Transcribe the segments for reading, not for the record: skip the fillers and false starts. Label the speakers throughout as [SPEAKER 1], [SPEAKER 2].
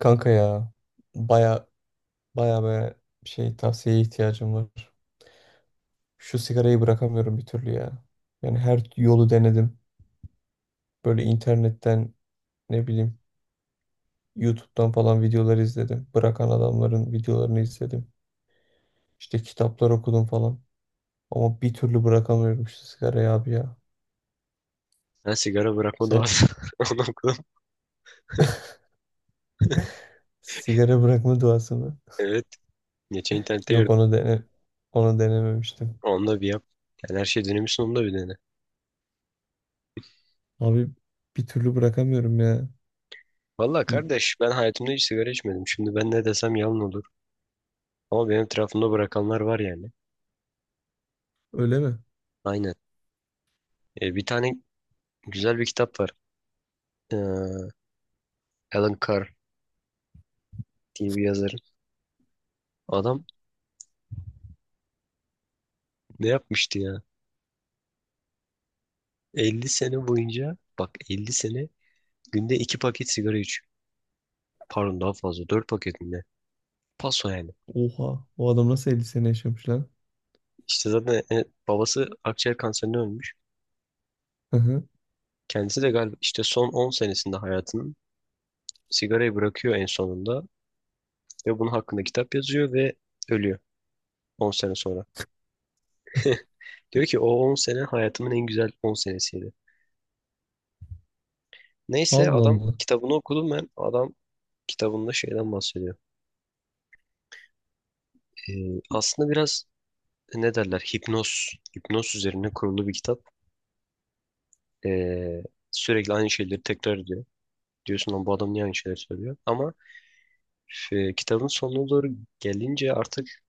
[SPEAKER 1] Kanka ya, baya baya baya şey tavsiyeye ihtiyacım var. Şu sigarayı bırakamıyorum bir türlü ya. Yani her yolu denedim. Böyle internetten ne bileyim YouTube'dan falan videolar izledim. Bırakan adamların videolarını izledim. İşte kitaplar okudum falan. Ama bir türlü bırakamıyorum şu sigarayı abi ya.
[SPEAKER 2] Ha, sigara bırakma
[SPEAKER 1] Sen
[SPEAKER 2] duası. Onu okudum.
[SPEAKER 1] sigara bırakma duası mı?
[SPEAKER 2] Evet. Geçen internette
[SPEAKER 1] Yok,
[SPEAKER 2] gördüm.
[SPEAKER 1] onu denememiştim.
[SPEAKER 2] Onunla bir yap. Yani her şey dönemi sonunda bir dene.
[SPEAKER 1] Abi, bir türlü bırakamıyorum ya.
[SPEAKER 2] Valla kardeş ben hayatımda hiç sigara içmedim. Şimdi ben ne desem yalan olur. Ama benim etrafımda bırakanlar var yani.
[SPEAKER 1] Öyle mi?
[SPEAKER 2] Aynen. Bir tane güzel bir kitap var. Ee, Alan Carr diye bir yazarın. Adam ne yapmıştı ya? 50 sene boyunca bak 50 sene günde 2 paket sigara içiyor. Pardon daha fazla 4 paket mi ne? Paso yani.
[SPEAKER 1] Oha, o adam nasıl 50 sene yaşamış lan?
[SPEAKER 2] İşte zaten babası akciğer kanserinden ölmüş.
[SPEAKER 1] Hı hı.
[SPEAKER 2] Kendisi de galiba işte son 10 senesinde hayatının sigarayı bırakıyor en sonunda ve bunun hakkında kitap yazıyor ve ölüyor 10 sene sonra. Diyor ki o 10 sene hayatımın en güzel 10 senesiydi. Neyse
[SPEAKER 1] Allah
[SPEAKER 2] adam
[SPEAKER 1] Allah.
[SPEAKER 2] kitabını okudum ben. Adam kitabında şeyden bahsediyor. Aslında biraz ne derler hipnoz, hipnoz üzerine kurulu bir kitap. Ee, Sürekli aynı şeyleri tekrar ediyor. Diyorsun lan bu adam niye aynı şeyleri söylüyor? Ama kitabın sonuna doğru gelince artık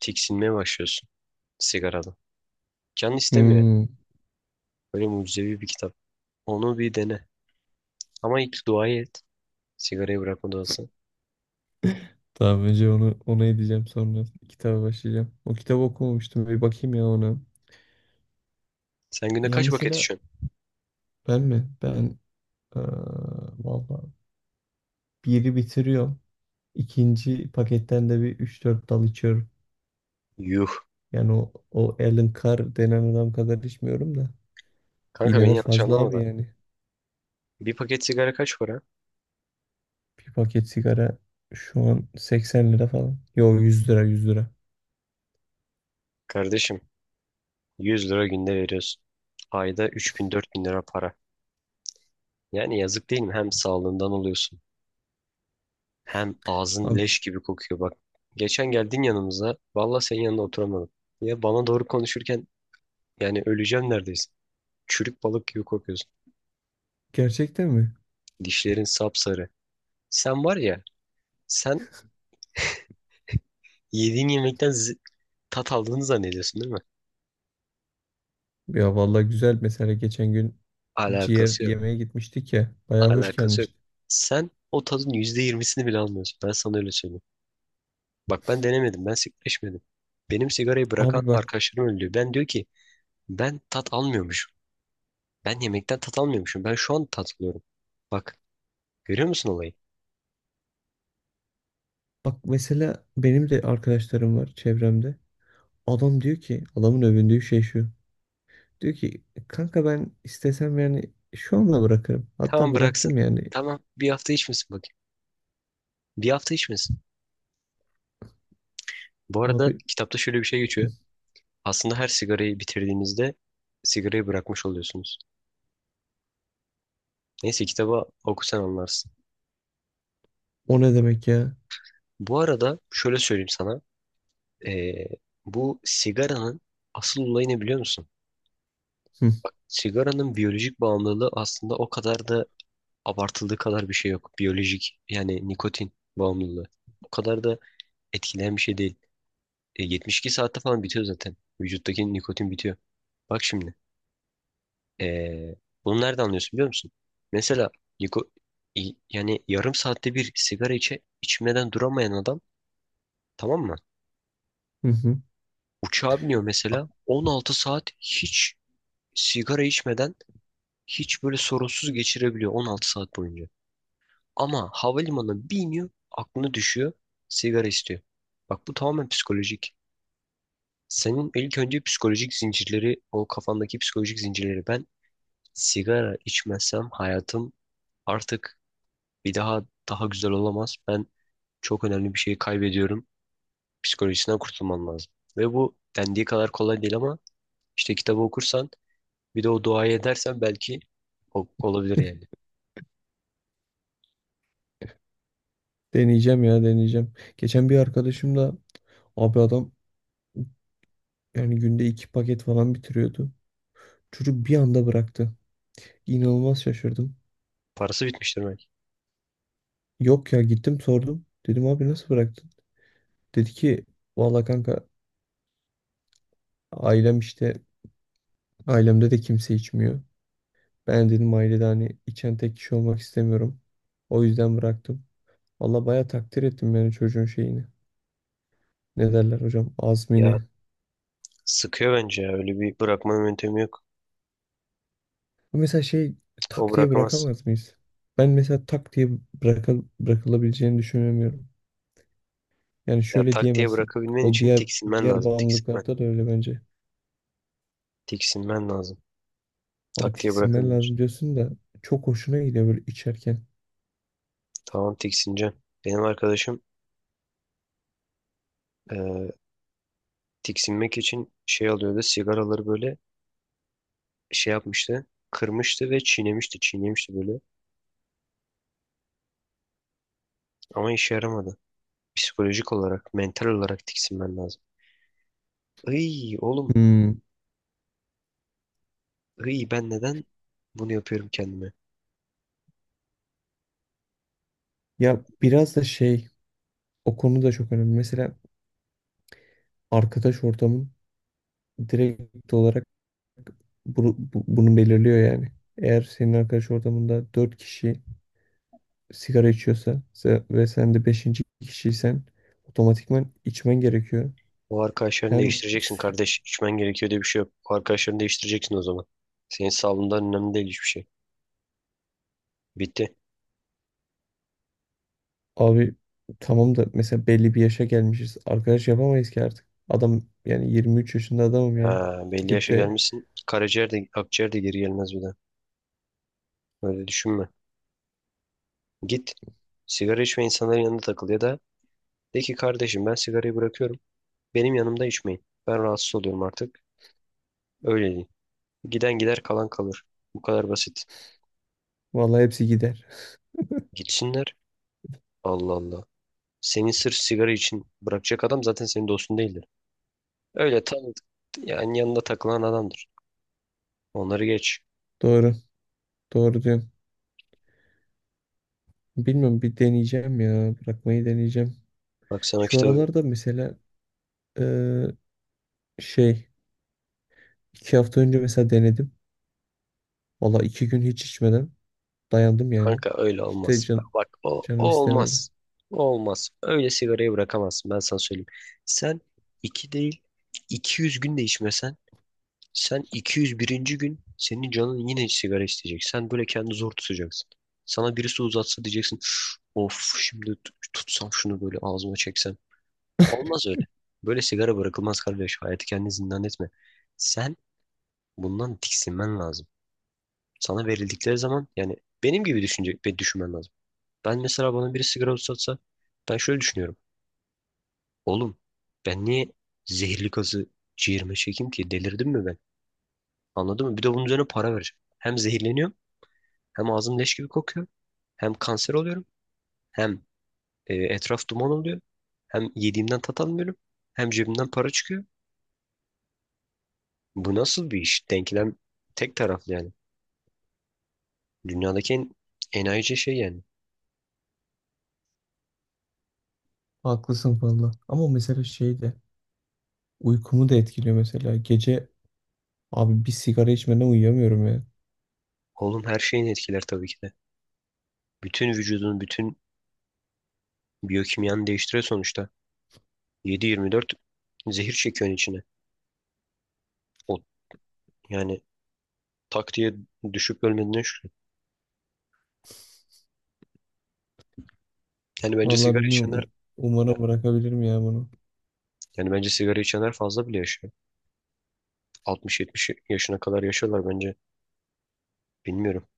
[SPEAKER 2] tiksinmeye başlıyorsun sigaradan. Can istemiyor.
[SPEAKER 1] Hmm.
[SPEAKER 2] Böyle mucizevi bir kitap. Onu bir dene. Ama ilk duayı et. Sigarayı bırakma duası.
[SPEAKER 1] Tamam Ece, onu ona edeceğim, sonra kitaba başlayacağım. O kitabı okumamıştım, bir bakayım ya ona.
[SPEAKER 2] Sen günde
[SPEAKER 1] Ya
[SPEAKER 2] kaç paket
[SPEAKER 1] mesela
[SPEAKER 2] içiyorsun?
[SPEAKER 1] ben mi? Ben eee valla biri bitiriyorum. İkinci paketten de bir üç dört dal içiyorum.
[SPEAKER 2] Yuh.
[SPEAKER 1] Yani o Alan Carr denen adam kadar içmiyorum da.
[SPEAKER 2] Kanka
[SPEAKER 1] Yine de
[SPEAKER 2] beni yanlış
[SPEAKER 1] fazla
[SPEAKER 2] anlama
[SPEAKER 1] abi
[SPEAKER 2] da.
[SPEAKER 1] yani.
[SPEAKER 2] Bir paket sigara kaç para?
[SPEAKER 1] Bir paket sigara şu an 80 lira falan. Yo, 100 lira, 100 lira.
[SPEAKER 2] Kardeşim, 100 lira günde veriyorsun. Ayda 3.000-4.000 lira para. Yani yazık değil mi? Hem sağlığından oluyorsun. Hem ağzın
[SPEAKER 1] Abi,
[SPEAKER 2] leş gibi kokuyor bak. Geçen geldin yanımıza. Valla senin yanında oturamadım. Ya bana doğru konuşurken yani öleceğim neredeyse. Çürük balık gibi kokuyorsun.
[SPEAKER 1] gerçekten mi?
[SPEAKER 2] Dişlerin sapsarı. Sen var ya sen yediğin yemekten tat aldığını zannediyorsun değil mi?
[SPEAKER 1] Ya vallahi güzel, mesela geçen gün ciğer
[SPEAKER 2] Alakası yok.
[SPEAKER 1] yemeye gitmiştik ya. Bayağı hoş
[SPEAKER 2] Alakası yok.
[SPEAKER 1] gelmişti.
[SPEAKER 2] Sen o tadın %20'sini bile almıyorsun. Ben sana öyle söyleyeyim. Bak ben denemedim. Ben sigara içmedim. Benim sigarayı bırakan
[SPEAKER 1] Abi bak,
[SPEAKER 2] arkadaşlarım öyle diyor. Ben diyor ki ben tat almıyormuşum. Ben yemekten tat almıyormuşum. Ben şu an tat alıyorum. Bak, görüyor musun olayı?
[SPEAKER 1] mesela benim de arkadaşlarım var çevremde. Adam diyor ki, adamın övündüğü şey şu. Diyor ki kanka, ben istesem yani şu anda bırakırım. Hatta
[SPEAKER 2] Tamam bıraksın.
[SPEAKER 1] bıraktım yani.
[SPEAKER 2] Tamam bir hafta içmesin bakayım. Bir hafta içmesin. Bu arada
[SPEAKER 1] Abi
[SPEAKER 2] kitapta şöyle bir şey geçiyor. Aslında her sigarayı bitirdiğinizde sigarayı bırakmış oluyorsunuz. Neyse kitabı okusan anlarsın.
[SPEAKER 1] o ne demek ya?
[SPEAKER 2] Bu arada şöyle söyleyeyim sana. Ee, Bu sigaranın asıl olayı ne biliyor musun?
[SPEAKER 1] Hı.
[SPEAKER 2] Sigaranın biyolojik bağımlılığı aslında o kadar da abartıldığı kadar bir şey yok. Biyolojik yani nikotin bağımlılığı. O kadar da etkileyen bir şey değil. 72 saatte falan bitiyor zaten. Vücuttaki nikotin bitiyor. Bak şimdi. ee, Bunu nereden anlıyorsun biliyor musun? Mesela niko- yani yarım saatte bir sigara içmeden duramayan adam, tamam mı?
[SPEAKER 1] Hı hı.
[SPEAKER 2] Uçağa biniyor mesela 16 saat hiç sigara içmeden hiç böyle sorunsuz geçirebiliyor 16 saat boyunca. Ama havalimanına bir iniyor aklına düşüyor sigara istiyor. Bak bu tamamen psikolojik. Senin ilk önce psikolojik zincirleri, o kafandaki psikolojik zincirleri, ben sigara içmezsem hayatım artık bir daha daha güzel olamaz. Ben çok önemli bir şeyi kaybediyorum. Psikolojisinden kurtulman lazım. Ve bu dendiği kadar kolay değil ama işte kitabı okursan, bir de o duayı edersen belki olabilir yani.
[SPEAKER 1] Deneyeceğim ya, deneyeceğim. Geçen bir arkadaşımla, abi adam yani günde 2 paket falan bitiriyordu. Çocuk bir anda bıraktı. İnanılmaz şaşırdım.
[SPEAKER 2] Parası bitmiştir belki.
[SPEAKER 1] Yok ya, gittim sordum. Dedim abi, nasıl bıraktın? Dedi ki valla kanka, ailem işte, ailemde de kimse içmiyor. Ben dedim ailede hani içen tek kişi olmak istemiyorum. O yüzden bıraktım. Valla baya takdir ettim yani çocuğun şeyini. Ne derler hocam?
[SPEAKER 2] Ya
[SPEAKER 1] Azmini.
[SPEAKER 2] sıkıyor bence ya. Öyle bir bırakma yöntemi yok.
[SPEAKER 1] Bu mesela şey,
[SPEAKER 2] Cık, o
[SPEAKER 1] tak diye
[SPEAKER 2] bırakamaz.
[SPEAKER 1] bırakamaz mıyız? Ben mesela tak diye bırakılabileceğini düşünemiyorum. Yani
[SPEAKER 2] Ya
[SPEAKER 1] şöyle
[SPEAKER 2] tak diye
[SPEAKER 1] diyemezsin.
[SPEAKER 2] bırakabilmen
[SPEAKER 1] O
[SPEAKER 2] için
[SPEAKER 1] diğer
[SPEAKER 2] tiksinmen
[SPEAKER 1] diğer
[SPEAKER 2] lazım. Tiksinmen.
[SPEAKER 1] bağımlılıklarda da öyle bence.
[SPEAKER 2] Tiksinmen lazım.
[SPEAKER 1] Abi
[SPEAKER 2] Tak diye
[SPEAKER 1] tiksinmen
[SPEAKER 2] bırakamıyorsun.
[SPEAKER 1] lazım diyorsun da çok hoşuna gidiyor böyle içerken.
[SPEAKER 2] Tamam tiksineceksin. Benim arkadaşım eee, tiksinmek için şey alıyordu. Sigaraları böyle şey yapmıştı. Kırmıştı ve çiğnemişti. Çiğnemişti böyle. Ama işe yaramadı. Psikolojik olarak, mental olarak tiksinmen lazım. Ay oğlum,
[SPEAKER 1] Hmm.
[SPEAKER 2] İyi ben neden bunu yapıyorum kendime?
[SPEAKER 1] Ya biraz da şey, o konu da çok önemli. Mesela arkadaş ortamın direkt olarak bunu belirliyor yani. Eğer senin arkadaş ortamında 4 kişi sigara içiyorsa ve sen de beşinci kişiysen, otomatikman içmen gerekiyor.
[SPEAKER 2] O arkadaşlarını
[SPEAKER 1] Hem
[SPEAKER 2] değiştireceksin
[SPEAKER 1] s-
[SPEAKER 2] kardeş. İçmen gerekiyor diye bir şey yok. O arkadaşlarını değiştireceksin o zaman. Senin sağlığından önemli değil hiçbir şey. Bitti.
[SPEAKER 1] abi tamam da mesela belli bir yaşa gelmişiz. Arkadaş yapamayız ki artık. Adam yani 23 yaşında adamım yani.
[SPEAKER 2] Ha, belli
[SPEAKER 1] Gidip
[SPEAKER 2] yaşa
[SPEAKER 1] de
[SPEAKER 2] gelmişsin. Karaciğer de akciğer de geri gelmez bir daha. Öyle düşünme. Git. Sigara içme insanların yanında takıl ya da de ki kardeşim ben sigarayı bırakıyorum. Benim yanımda içmeyin. Ben rahatsız oluyorum artık. Öyle değil. Giden gider kalan kalır. Bu kadar basit.
[SPEAKER 1] vallahi hepsi gider.
[SPEAKER 2] Gitsinler. Allah Allah. Senin sırf sigara için bırakacak adam zaten senin dostun değildi. Öyle tam yani yanında takılan adamdır. Onları geç.
[SPEAKER 1] Doğru. Doğru diyorum. Bilmiyorum, bir deneyeceğim ya. Bırakmayı deneyeceğim.
[SPEAKER 2] Bak sen o
[SPEAKER 1] Şu
[SPEAKER 2] kitabı,
[SPEAKER 1] aralarda mesela eee, şey, 2 hafta önce mesela denedim. Valla 2 gün hiç içmeden dayandım yani.
[SPEAKER 2] kanka öyle
[SPEAKER 1] Hiç de
[SPEAKER 2] olmaz.
[SPEAKER 1] can,
[SPEAKER 2] Bak o
[SPEAKER 1] canım istemedi.
[SPEAKER 2] olmaz. O olmaz. Öyle sigarayı bırakamazsın, ben sana söyleyeyim. Sen iki değil, 200 gün de içmesen, sen 201'inci gün senin canın yine sigara isteyecek. Sen böyle kendini zor tutacaksın. Sana birisi uzatsa diyeceksin of, şimdi tutsam şunu böyle ağzıma çeksem. Olmaz öyle. Böyle sigara bırakılmaz kardeş. Hayatı kendini zindan etme. Sen bundan tiksinmen lazım. Sana verildikleri zaman yani benim gibi düşünecek ve düşünmen lazım. Ben mesela bana biri sigara uzatsa ben şöyle düşünüyorum. Oğlum, ben niye zehirli gazı ciğerime çekeyim ki? Delirdim mi ben? Anladın mı? Bir de bunun üzerine para vereceğim. Hem zehirleniyorum hem ağzım leş gibi kokuyor. Hem kanser oluyorum, hem etraf duman oluyor. Hem yediğimden tat almıyorum. Hem cebimden para çıkıyor. Bu nasıl bir iş? Denklem tek taraflı yani. Dünyadaki en enayice şey yani.
[SPEAKER 1] Haklısın valla. Ama mesela şey de, uykumu da etkiliyor mesela. Gece abi bir sigara içmeden uyuyamıyorum ya.
[SPEAKER 2] Oğlum her şeyin etkiler tabii ki de. Bütün vücudun, bütün biyokimyanı değiştiriyor sonuçta. 7-24 zehir çekiyorsun içine. O, yani tak diye düşüp ölmediğine şükür. Yani bence
[SPEAKER 1] Valla
[SPEAKER 2] sigara
[SPEAKER 1] bilmiyorum.
[SPEAKER 2] içenler
[SPEAKER 1] Umarım bırakabilirim ya bunu.
[SPEAKER 2] yani bence sigara içenler fazla bile yaşıyor. 60-70 yaşına kadar yaşıyorlar bence. Bilmiyorum.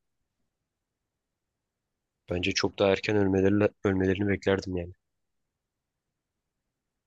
[SPEAKER 2] Bence çok daha erken ölmelerini beklerdim yani.